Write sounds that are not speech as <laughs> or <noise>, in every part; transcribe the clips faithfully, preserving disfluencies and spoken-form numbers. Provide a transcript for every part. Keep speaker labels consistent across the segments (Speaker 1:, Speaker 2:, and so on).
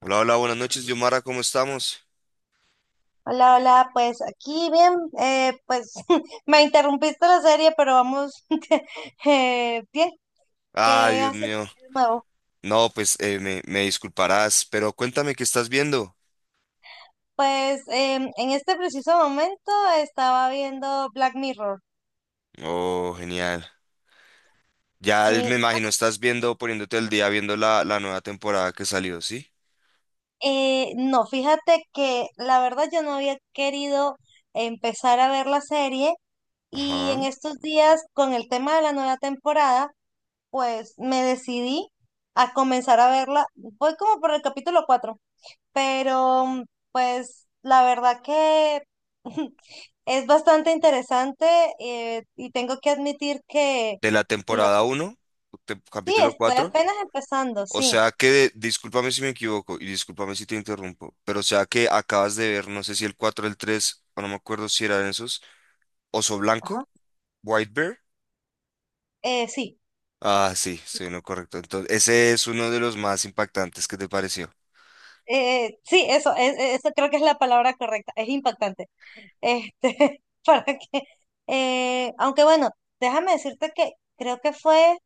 Speaker 1: Hola, hola, buenas noches, Yomara, ¿cómo estamos?
Speaker 2: Hola, hola, pues aquí bien, eh, pues <laughs> me interrumpiste la serie, pero vamos <laughs> eh, bien,
Speaker 1: Ay,
Speaker 2: ¿qué
Speaker 1: Dios
Speaker 2: haces
Speaker 1: mío.
Speaker 2: de nuevo?
Speaker 1: No, pues eh, me, me disculparás, pero cuéntame qué estás viendo.
Speaker 2: Pues em, en este preciso momento estaba viendo Black Mirror,
Speaker 1: Oh, genial. Ya me
Speaker 2: sí.
Speaker 1: imagino, estás viendo, poniéndote el día, viendo la, la nueva temporada que salió, ¿sí?
Speaker 2: Eh, no, fíjate que la verdad yo no había querido empezar a ver la serie y
Speaker 1: Ajá.
Speaker 2: en estos días con el tema de la nueva temporada, pues me decidí a comenzar a verla. Voy como por el capítulo cuatro, pero mm, pues la verdad que <laughs> es bastante interesante, eh, y tengo que admitir que
Speaker 1: De la temporada
Speaker 2: los,
Speaker 1: uno te-
Speaker 2: sí,
Speaker 1: capítulo
Speaker 2: estoy
Speaker 1: cuatro.
Speaker 2: apenas empezando,
Speaker 1: O
Speaker 2: sí,
Speaker 1: sea que, discúlpame si me equivoco y discúlpame si te interrumpo, pero o sea que acabas de ver, no sé si el cuatro el tres o no me acuerdo si eran esos, Oso Blanco,
Speaker 2: ajá,
Speaker 1: White Bear.
Speaker 2: eh, sí,
Speaker 1: Ah, sí, estoy en lo correcto. Entonces, ese es uno de los más impactantes. ¿Qué te pareció?
Speaker 2: eh, sí, eso, es, eso creo que es la palabra correcta, es impactante, este, <laughs> para que, eh, aunque bueno, déjame decirte que creo que fue,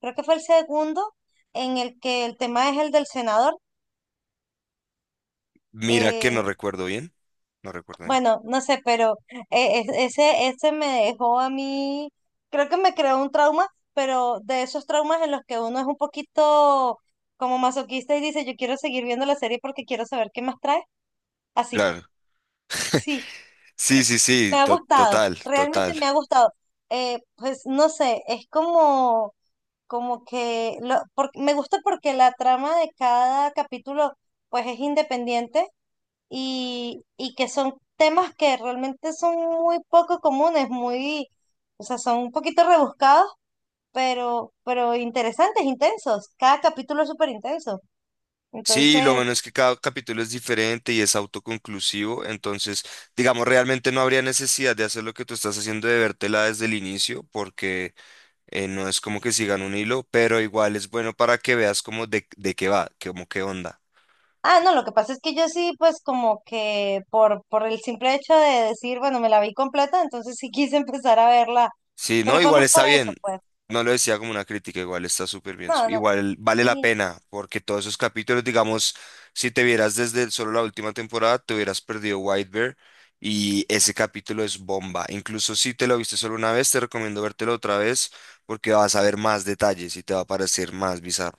Speaker 2: creo que fue el segundo en el que el tema es el del senador.
Speaker 1: Mira que no
Speaker 2: Eh,
Speaker 1: recuerdo bien. No recuerdo bien.
Speaker 2: Bueno, no sé, pero eh, es- ese, ese me dejó a mí, creo que me creó un trauma, pero de esos traumas en los que uno es un poquito como masoquista y dice, yo quiero seguir viendo la serie porque quiero saber qué más trae. Así,
Speaker 1: Claro.
Speaker 2: sí,
Speaker 1: Sí, sí, sí,
Speaker 2: me ha
Speaker 1: to-
Speaker 2: gustado,
Speaker 1: total,
Speaker 2: realmente
Speaker 1: total.
Speaker 2: me ha gustado. Eh, pues no sé, es como, como que lo, por- me gusta porque la trama de cada capítulo pues es independiente y, y que son temas que realmente son muy poco comunes, muy, o sea, son un poquito rebuscados, pero, pero interesantes, intensos. Cada capítulo es súper intenso.
Speaker 1: Sí, lo
Speaker 2: Entonces,
Speaker 1: bueno es que cada capítulo es diferente y es autoconclusivo, entonces, digamos, realmente no habría necesidad de hacer lo que tú estás haciendo de vértela desde el inicio, porque eh, no es como que sigan un hilo, pero igual es bueno para que veas como de, de qué va, como qué onda.
Speaker 2: ah, no, lo que pasa es que yo sí, pues como que por, por el simple hecho de decir, bueno, me la vi completa, entonces sí <laughs> quise empezar a verla,
Speaker 1: Sí, no,
Speaker 2: pero fue
Speaker 1: igual
Speaker 2: más
Speaker 1: está
Speaker 2: por eso,
Speaker 1: bien.
Speaker 2: pues.
Speaker 1: No lo decía como una crítica, igual está súper bien. su-
Speaker 2: No, no.
Speaker 1: Igual vale la pena, porque todos esos capítulos, digamos, si te vieras desde solo la última temporada, te hubieras perdido White Bear y ese capítulo es bomba. Incluso si te lo viste solo una vez, te recomiendo vértelo otra vez porque vas a ver más detalles y te va a parecer más bizarro.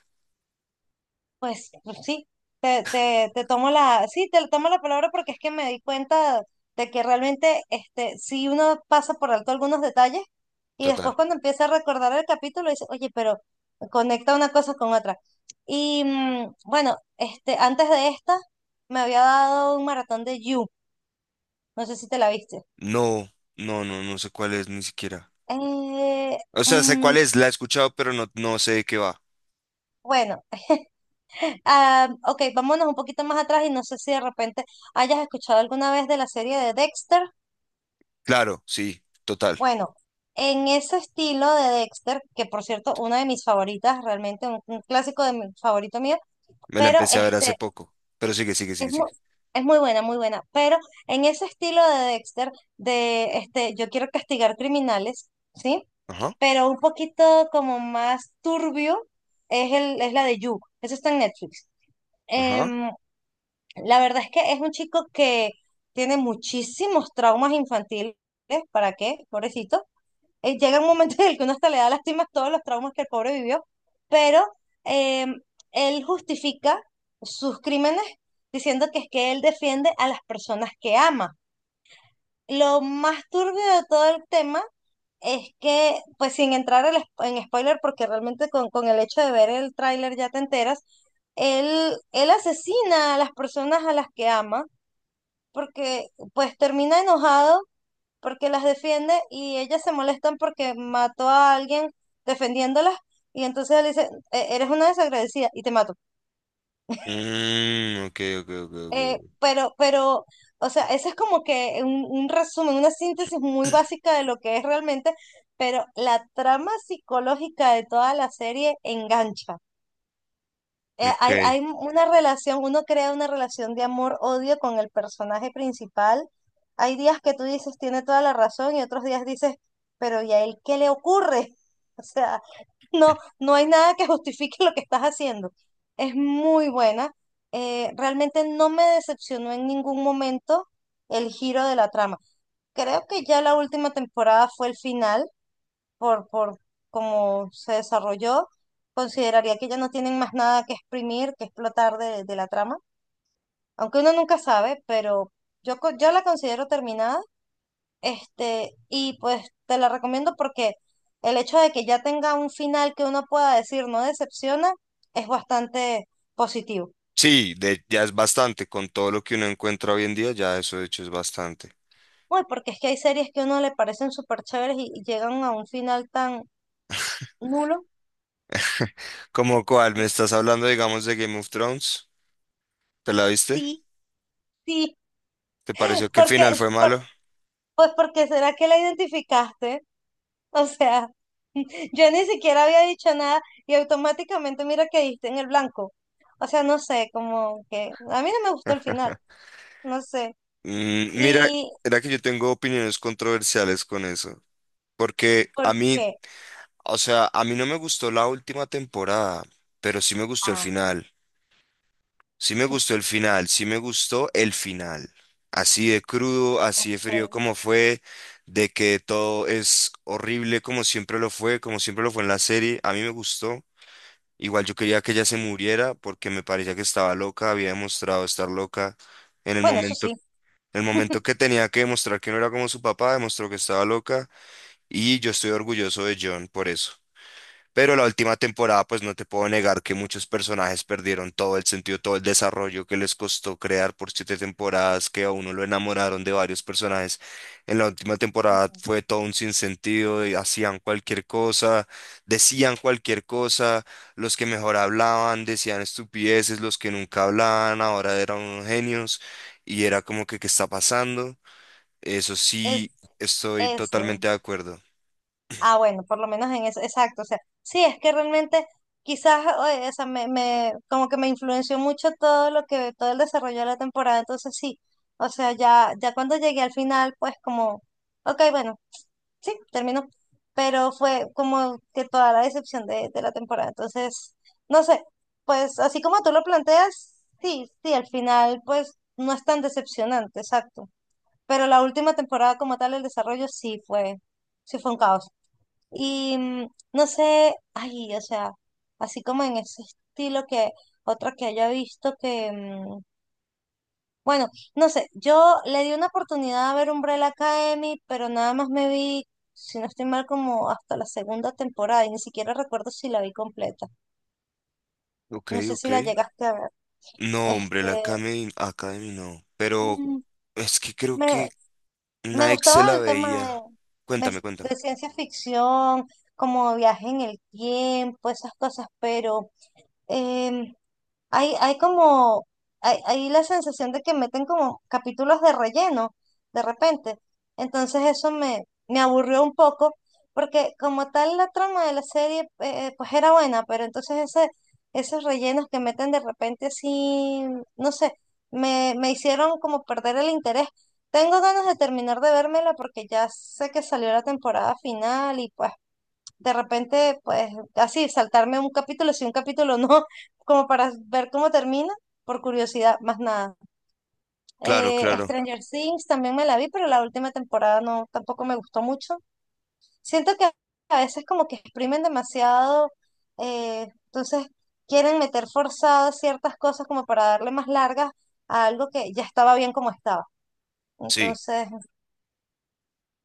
Speaker 2: Pues pues, sí, te, te, te tomo la, sí, te tomo la palabra porque es que me di cuenta de que realmente este, si uno pasa por alto algunos detalles y
Speaker 1: Total.
Speaker 2: después cuando empieza a recordar el capítulo dice, oye, pero conecta una cosa con otra. Y mm, bueno, este, antes de esta me había dado un maratón de You, no sé si te la viste.
Speaker 1: No, no, no, no sé cuál es ni siquiera.
Speaker 2: Eh,
Speaker 1: O sea, sé
Speaker 2: mm,
Speaker 1: cuál es, la he escuchado, pero no, no sé de qué va.
Speaker 2: bueno, ah, ok, vámonos un poquito más atrás y no sé si de repente hayas escuchado alguna vez de la serie de Dexter.
Speaker 1: Claro, sí, total.
Speaker 2: Bueno, en ese estilo de Dexter, que por cierto, una de mis favoritas, realmente un, un clásico de mi favorito mío,
Speaker 1: Me la
Speaker 2: pero
Speaker 1: empecé a ver hace
Speaker 2: este
Speaker 1: poco, pero sigue, sigue, sigue,
Speaker 2: es muy,
Speaker 1: sigue.
Speaker 2: es muy buena, muy buena. Pero en ese estilo de Dexter, de este, yo quiero castigar criminales, ¿sí?
Speaker 1: Ajá,
Speaker 2: Pero un poquito como más turbio es el, es la de You. Eso está en Netflix.
Speaker 1: ajá.
Speaker 2: Em, la verdad es que es un chico que tiene muchísimos traumas infantiles. ¿Para qué? Pobrecito, eh, llega un momento en el que uno hasta le da lástima todos los traumas que el pobre vivió, pero eh, él justifica sus crímenes diciendo que es que él defiende a las personas que ama. Lo más turbio de todo el tema es que, pues sin entrar al spo- en spoiler, porque realmente con, con el hecho de ver el tráiler ya te enteras, él, él asesina a las personas a las que ama, porque pues termina enojado porque las defiende y ellas se molestan porque mató a alguien defendiéndolas y entonces él dice, "E- eres una desagradecida y te mato".
Speaker 1: Mm, ok, ok, ok, ok.
Speaker 2: Eh,
Speaker 1: Ok.
Speaker 2: pero, pero, o sea, ese es como que un, un resumen, una síntesis muy
Speaker 1: <clears throat>
Speaker 2: básica de lo que es realmente, pero la trama psicológica de toda la serie engancha. Eh,
Speaker 1: Ok.
Speaker 2: hay, hay una relación, uno crea una relación de amor-odio con el personaje principal. Hay días que tú dices, tiene toda la razón, y otros días dices, pero ¿y a él qué le ocurre? <laughs> O sea, no, no hay nada que justifique lo que estás haciendo. Es muy buena. Eh, realmente no me decepcionó en ningún momento el giro de la trama. Creo que ya la última temporada fue el final por, por cómo se desarrolló, consideraría que ya no tienen más nada que exprimir, que explotar de, de la trama, aunque uno nunca sabe, pero yo, co- yo la considero terminada, este, y pues te la recomiendo porque el hecho de que ya tenga un final que uno pueda decir no decepciona es bastante positivo.
Speaker 1: Sí, de- ya es bastante. Con todo lo que uno encuentra hoy en día, ya eso de hecho es bastante.
Speaker 2: Uy, porque es que hay series que a uno le parecen súper chéveres y, y llegan a un final tan nulo.
Speaker 1: ¿Cómo cuál? ¿Me estás hablando, digamos, de Game of Thrones? ¿Te la viste?
Speaker 2: Sí, sí,
Speaker 1: ¿Te pareció que el final
Speaker 2: porque,
Speaker 1: fue
Speaker 2: por-
Speaker 1: malo?
Speaker 2: pues porque será que la identificaste. O sea, <laughs> yo ni siquiera había dicho nada y automáticamente mira que diste en el blanco. O sea, no sé, como que a mí no me gustó el final,
Speaker 1: <laughs>
Speaker 2: no sé.
Speaker 1: Mm, mira,
Speaker 2: ¿Y
Speaker 1: era que yo tengo opiniones controversiales con eso, porque a
Speaker 2: por
Speaker 1: mí,
Speaker 2: qué?
Speaker 1: o sea, a mí no me gustó la última temporada, pero sí me gustó el
Speaker 2: Ah,
Speaker 1: final. Sí me gustó el final, sí me gustó el final. Así de crudo, así de frío
Speaker 2: eh,
Speaker 1: como fue, de que todo es horrible como siempre lo fue, como siempre lo fue en la serie, a mí me gustó. Igual yo quería que ella se muriera porque me parecía que estaba loca, había demostrado estar loca. En el
Speaker 2: bueno, eso
Speaker 1: momento,
Speaker 2: sí.
Speaker 1: en el momento que tenía que demostrar que no era como su papá, demostró que estaba loca y yo estoy orgulloso de John por eso. Pero la última temporada, pues no te puedo negar que muchos personajes perdieron todo el sentido, todo el desarrollo que les costó crear por siete temporadas, que a uno lo enamoraron de varios personajes. En la última temporada
Speaker 2: Mm.
Speaker 1: fue todo un sinsentido, y hacían cualquier cosa, decían cualquier cosa, los que mejor hablaban decían estupideces, los que nunca hablaban ahora eran unos genios, y era como que, ¿qué está pasando? Eso
Speaker 2: Es
Speaker 1: sí, estoy
Speaker 2: eso.
Speaker 1: totalmente de acuerdo.
Speaker 2: Ah, bueno, por lo menos en eso, exacto. O sea, sí, es que realmente quizás, eh, o sea, me, me, como que me influenció mucho todo lo que, todo el desarrollo de la temporada, entonces sí. O sea, ya, ya cuando llegué al final, pues como, ok, bueno. Sí, terminó. Pero fue como que toda la decepción de, de la temporada. Entonces, no sé, pues así como tú lo planteas, sí, sí, al final pues no es tan decepcionante, exacto. Pero la última temporada como tal, el desarrollo sí fue, sí fue un caos. Y mm, no sé, ay, o sea, así como en ese estilo que otra que haya visto que, mm, bueno, no sé, yo le di una oportunidad a ver Umbrella Academy, pero nada más me vi, si no estoy mal, como hasta la segunda temporada y ni siquiera recuerdo si la vi completa.
Speaker 1: Ok,
Speaker 2: No sé
Speaker 1: ok.
Speaker 2: si la llegaste a ver.
Speaker 1: No, hombre,
Speaker 2: Este,
Speaker 1: la Academy, Academy no. Pero
Speaker 2: mm,
Speaker 1: es que creo
Speaker 2: me,
Speaker 1: que
Speaker 2: me
Speaker 1: una ex se
Speaker 2: gustaba
Speaker 1: la
Speaker 2: el tema de,
Speaker 1: veía.
Speaker 2: me-
Speaker 1: Cuéntame, cuéntame.
Speaker 2: de ciencia ficción, como viaje en el tiempo, esas cosas, pero em, Hay, hay como, hay, hay la sensación de que meten como capítulos de relleno de repente. Entonces eso me, me aburrió un poco, porque como tal la trama de la serie, eh, pues era buena, pero entonces ese, esos rellenos que meten de repente así, no sé, me, me hicieron como perder el interés. Tengo ganas de terminar de vérmela porque ya sé que salió la temporada final y pues de repente, pues así, saltarme un capítulo, si un capítulo no, <laughs> como para ver cómo termina, por curiosidad, más nada.
Speaker 1: Claro,
Speaker 2: Eh,
Speaker 1: claro.
Speaker 2: Stranger Things también me la vi, pero la última temporada no, tampoco me gustó mucho. Siento que a veces como que exprimen demasiado, eh, entonces quieren meter forzadas ciertas cosas como para darle más largas a algo que ya estaba bien como estaba.
Speaker 1: Sí,
Speaker 2: Entonces,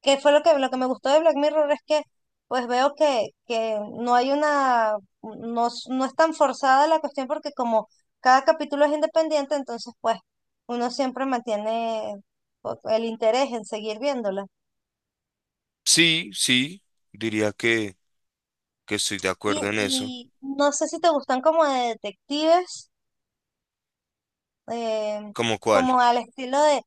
Speaker 2: que fue lo que, lo que me gustó de Black Mirror es que pues veo que, que no hay una, no, es- no es tan forzada la cuestión porque como cada capítulo es independiente, entonces pues uno siempre mantiene pues, el interés en seguir viéndola.
Speaker 1: sí, sí. Diría que, que estoy de
Speaker 2: Y,
Speaker 1: acuerdo en eso.
Speaker 2: y no sé si te gustan como de detectives, eh,
Speaker 1: ¿Cómo cuál?
Speaker 2: como al estilo de.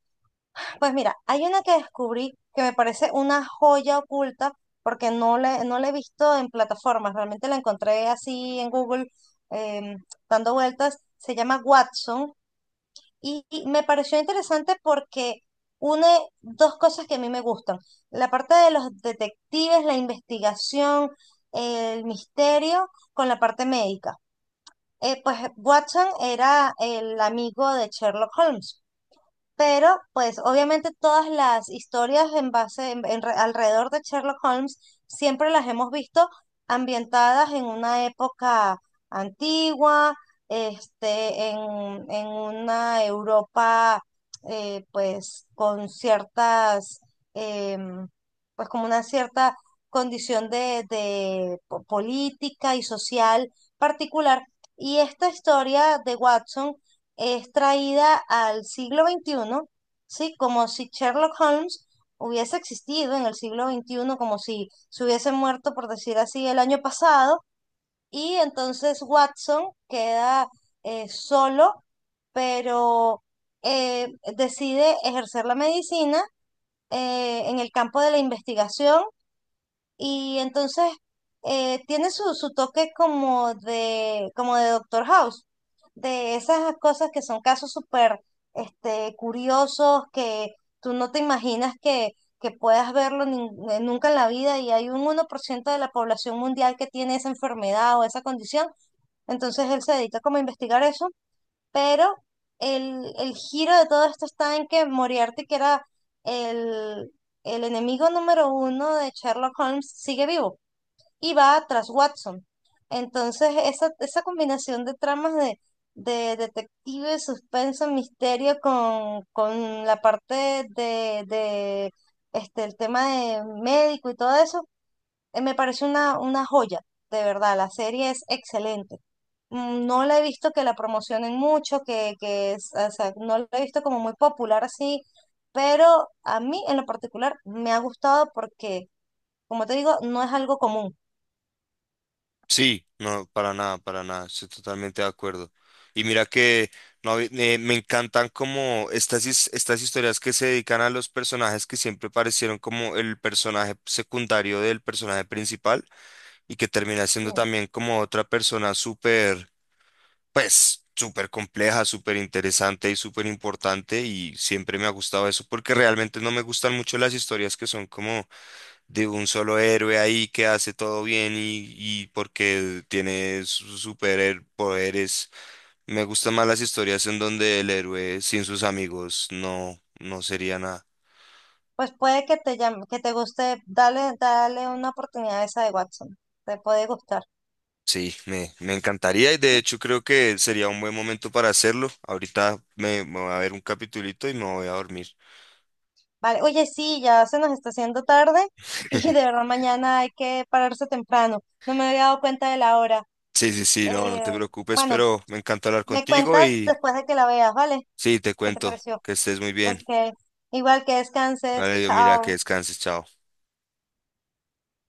Speaker 2: Pues mira, hay una que descubrí que me parece una joya oculta porque no la, no la he visto en plataformas, realmente la encontré así en Google, em, dando vueltas, se llama Watson y, y me pareció interesante porque une dos cosas que a mí me gustan, la parte de los detectives, la investigación, el misterio con la parte médica. Eh, pues Watson era el amigo de Sherlock Holmes. Pero, pues, obviamente todas las historias en base, en- en re- alrededor de Sherlock Holmes, siempre las hemos visto ambientadas en una época antigua, este, en, en una Europa, eh, pues, con ciertas, em, pues, como una cierta condición de, de po- política y social particular. Y esta historia de Watson es traída al siglo veintiuno, ¿sí? Como si Sherlock Holmes hubiese existido en el siglo veintiuno, como si se hubiese muerto, por decir así, el año pasado, y entonces Watson queda eh, solo, pero eh, decide ejercer la medicina eh, en el campo de la investigación y entonces eh, tiene su, su toque como de, como de Doctor House, de esas cosas que son casos súper este, curiosos que tú no te imaginas que, que puedas verlo nin- eh, nunca en la vida y hay un uno por ciento de la población mundial que tiene esa enfermedad o esa condición. Entonces él se dedica como a investigar eso pero el, el giro de todo esto está en que Moriarty, que era el, el enemigo número uno de Sherlock Holmes, sigue vivo y va tras Watson. Entonces, esa, esa combinación de tramas de, de detective, suspenso, misterio con, con la parte de, de este, el tema de médico y todo eso, eh, me parece una, una joya, de verdad, la serie es excelente. Mm, no la he visto que la promocionen mucho, que, que es- o sea, no la he visto como muy popular así, pero a mí en lo particular me ha gustado porque, como te digo, no es algo común.
Speaker 1: Sí, no, para nada, para nada. Estoy totalmente de acuerdo. Y mira que no, hab- eh, me encantan como estas, his- estas historias que se dedican a los personajes que siempre parecieron como el personaje secundario del personaje principal, y que termina siendo
Speaker 2: Sí.
Speaker 1: también como otra persona súper, pues, súper compleja, súper interesante y súper importante y siempre me ha gustado eso porque realmente no me gustan mucho las historias que son como de un solo héroe ahí que hace todo bien y, y porque tiene sus superpoderes. Me gustan más las historias en donde el héroe sin sus amigos no, no sería nada.
Speaker 2: Pues puede que te llame, que te guste, dale, dale una oportunidad a esa de Watson, te puede gustar.
Speaker 1: Sí, me, me encantaría y de hecho creo que sería un buen momento para hacerlo. Ahorita me, me voy a ver un capitulito y me voy a dormir.
Speaker 2: Vale, oye, sí, ya se nos está haciendo tarde y de
Speaker 1: <laughs>
Speaker 2: verdad mañana hay que pararse temprano. No me había dado cuenta de la hora.
Speaker 1: Sí, sí, sí, no, no te
Speaker 2: Eh,
Speaker 1: preocupes,
Speaker 2: bueno,
Speaker 1: pero me encanta hablar
Speaker 2: me
Speaker 1: contigo
Speaker 2: cuentas
Speaker 1: y
Speaker 2: después de que la veas, ¿vale?
Speaker 1: sí, te
Speaker 2: ¿Qué te
Speaker 1: cuento
Speaker 2: pareció?
Speaker 1: que estés muy bien.
Speaker 2: Ok. Igual que descanses.
Speaker 1: Vale, Dios, mira, que
Speaker 2: Chao.
Speaker 1: descanses, chao.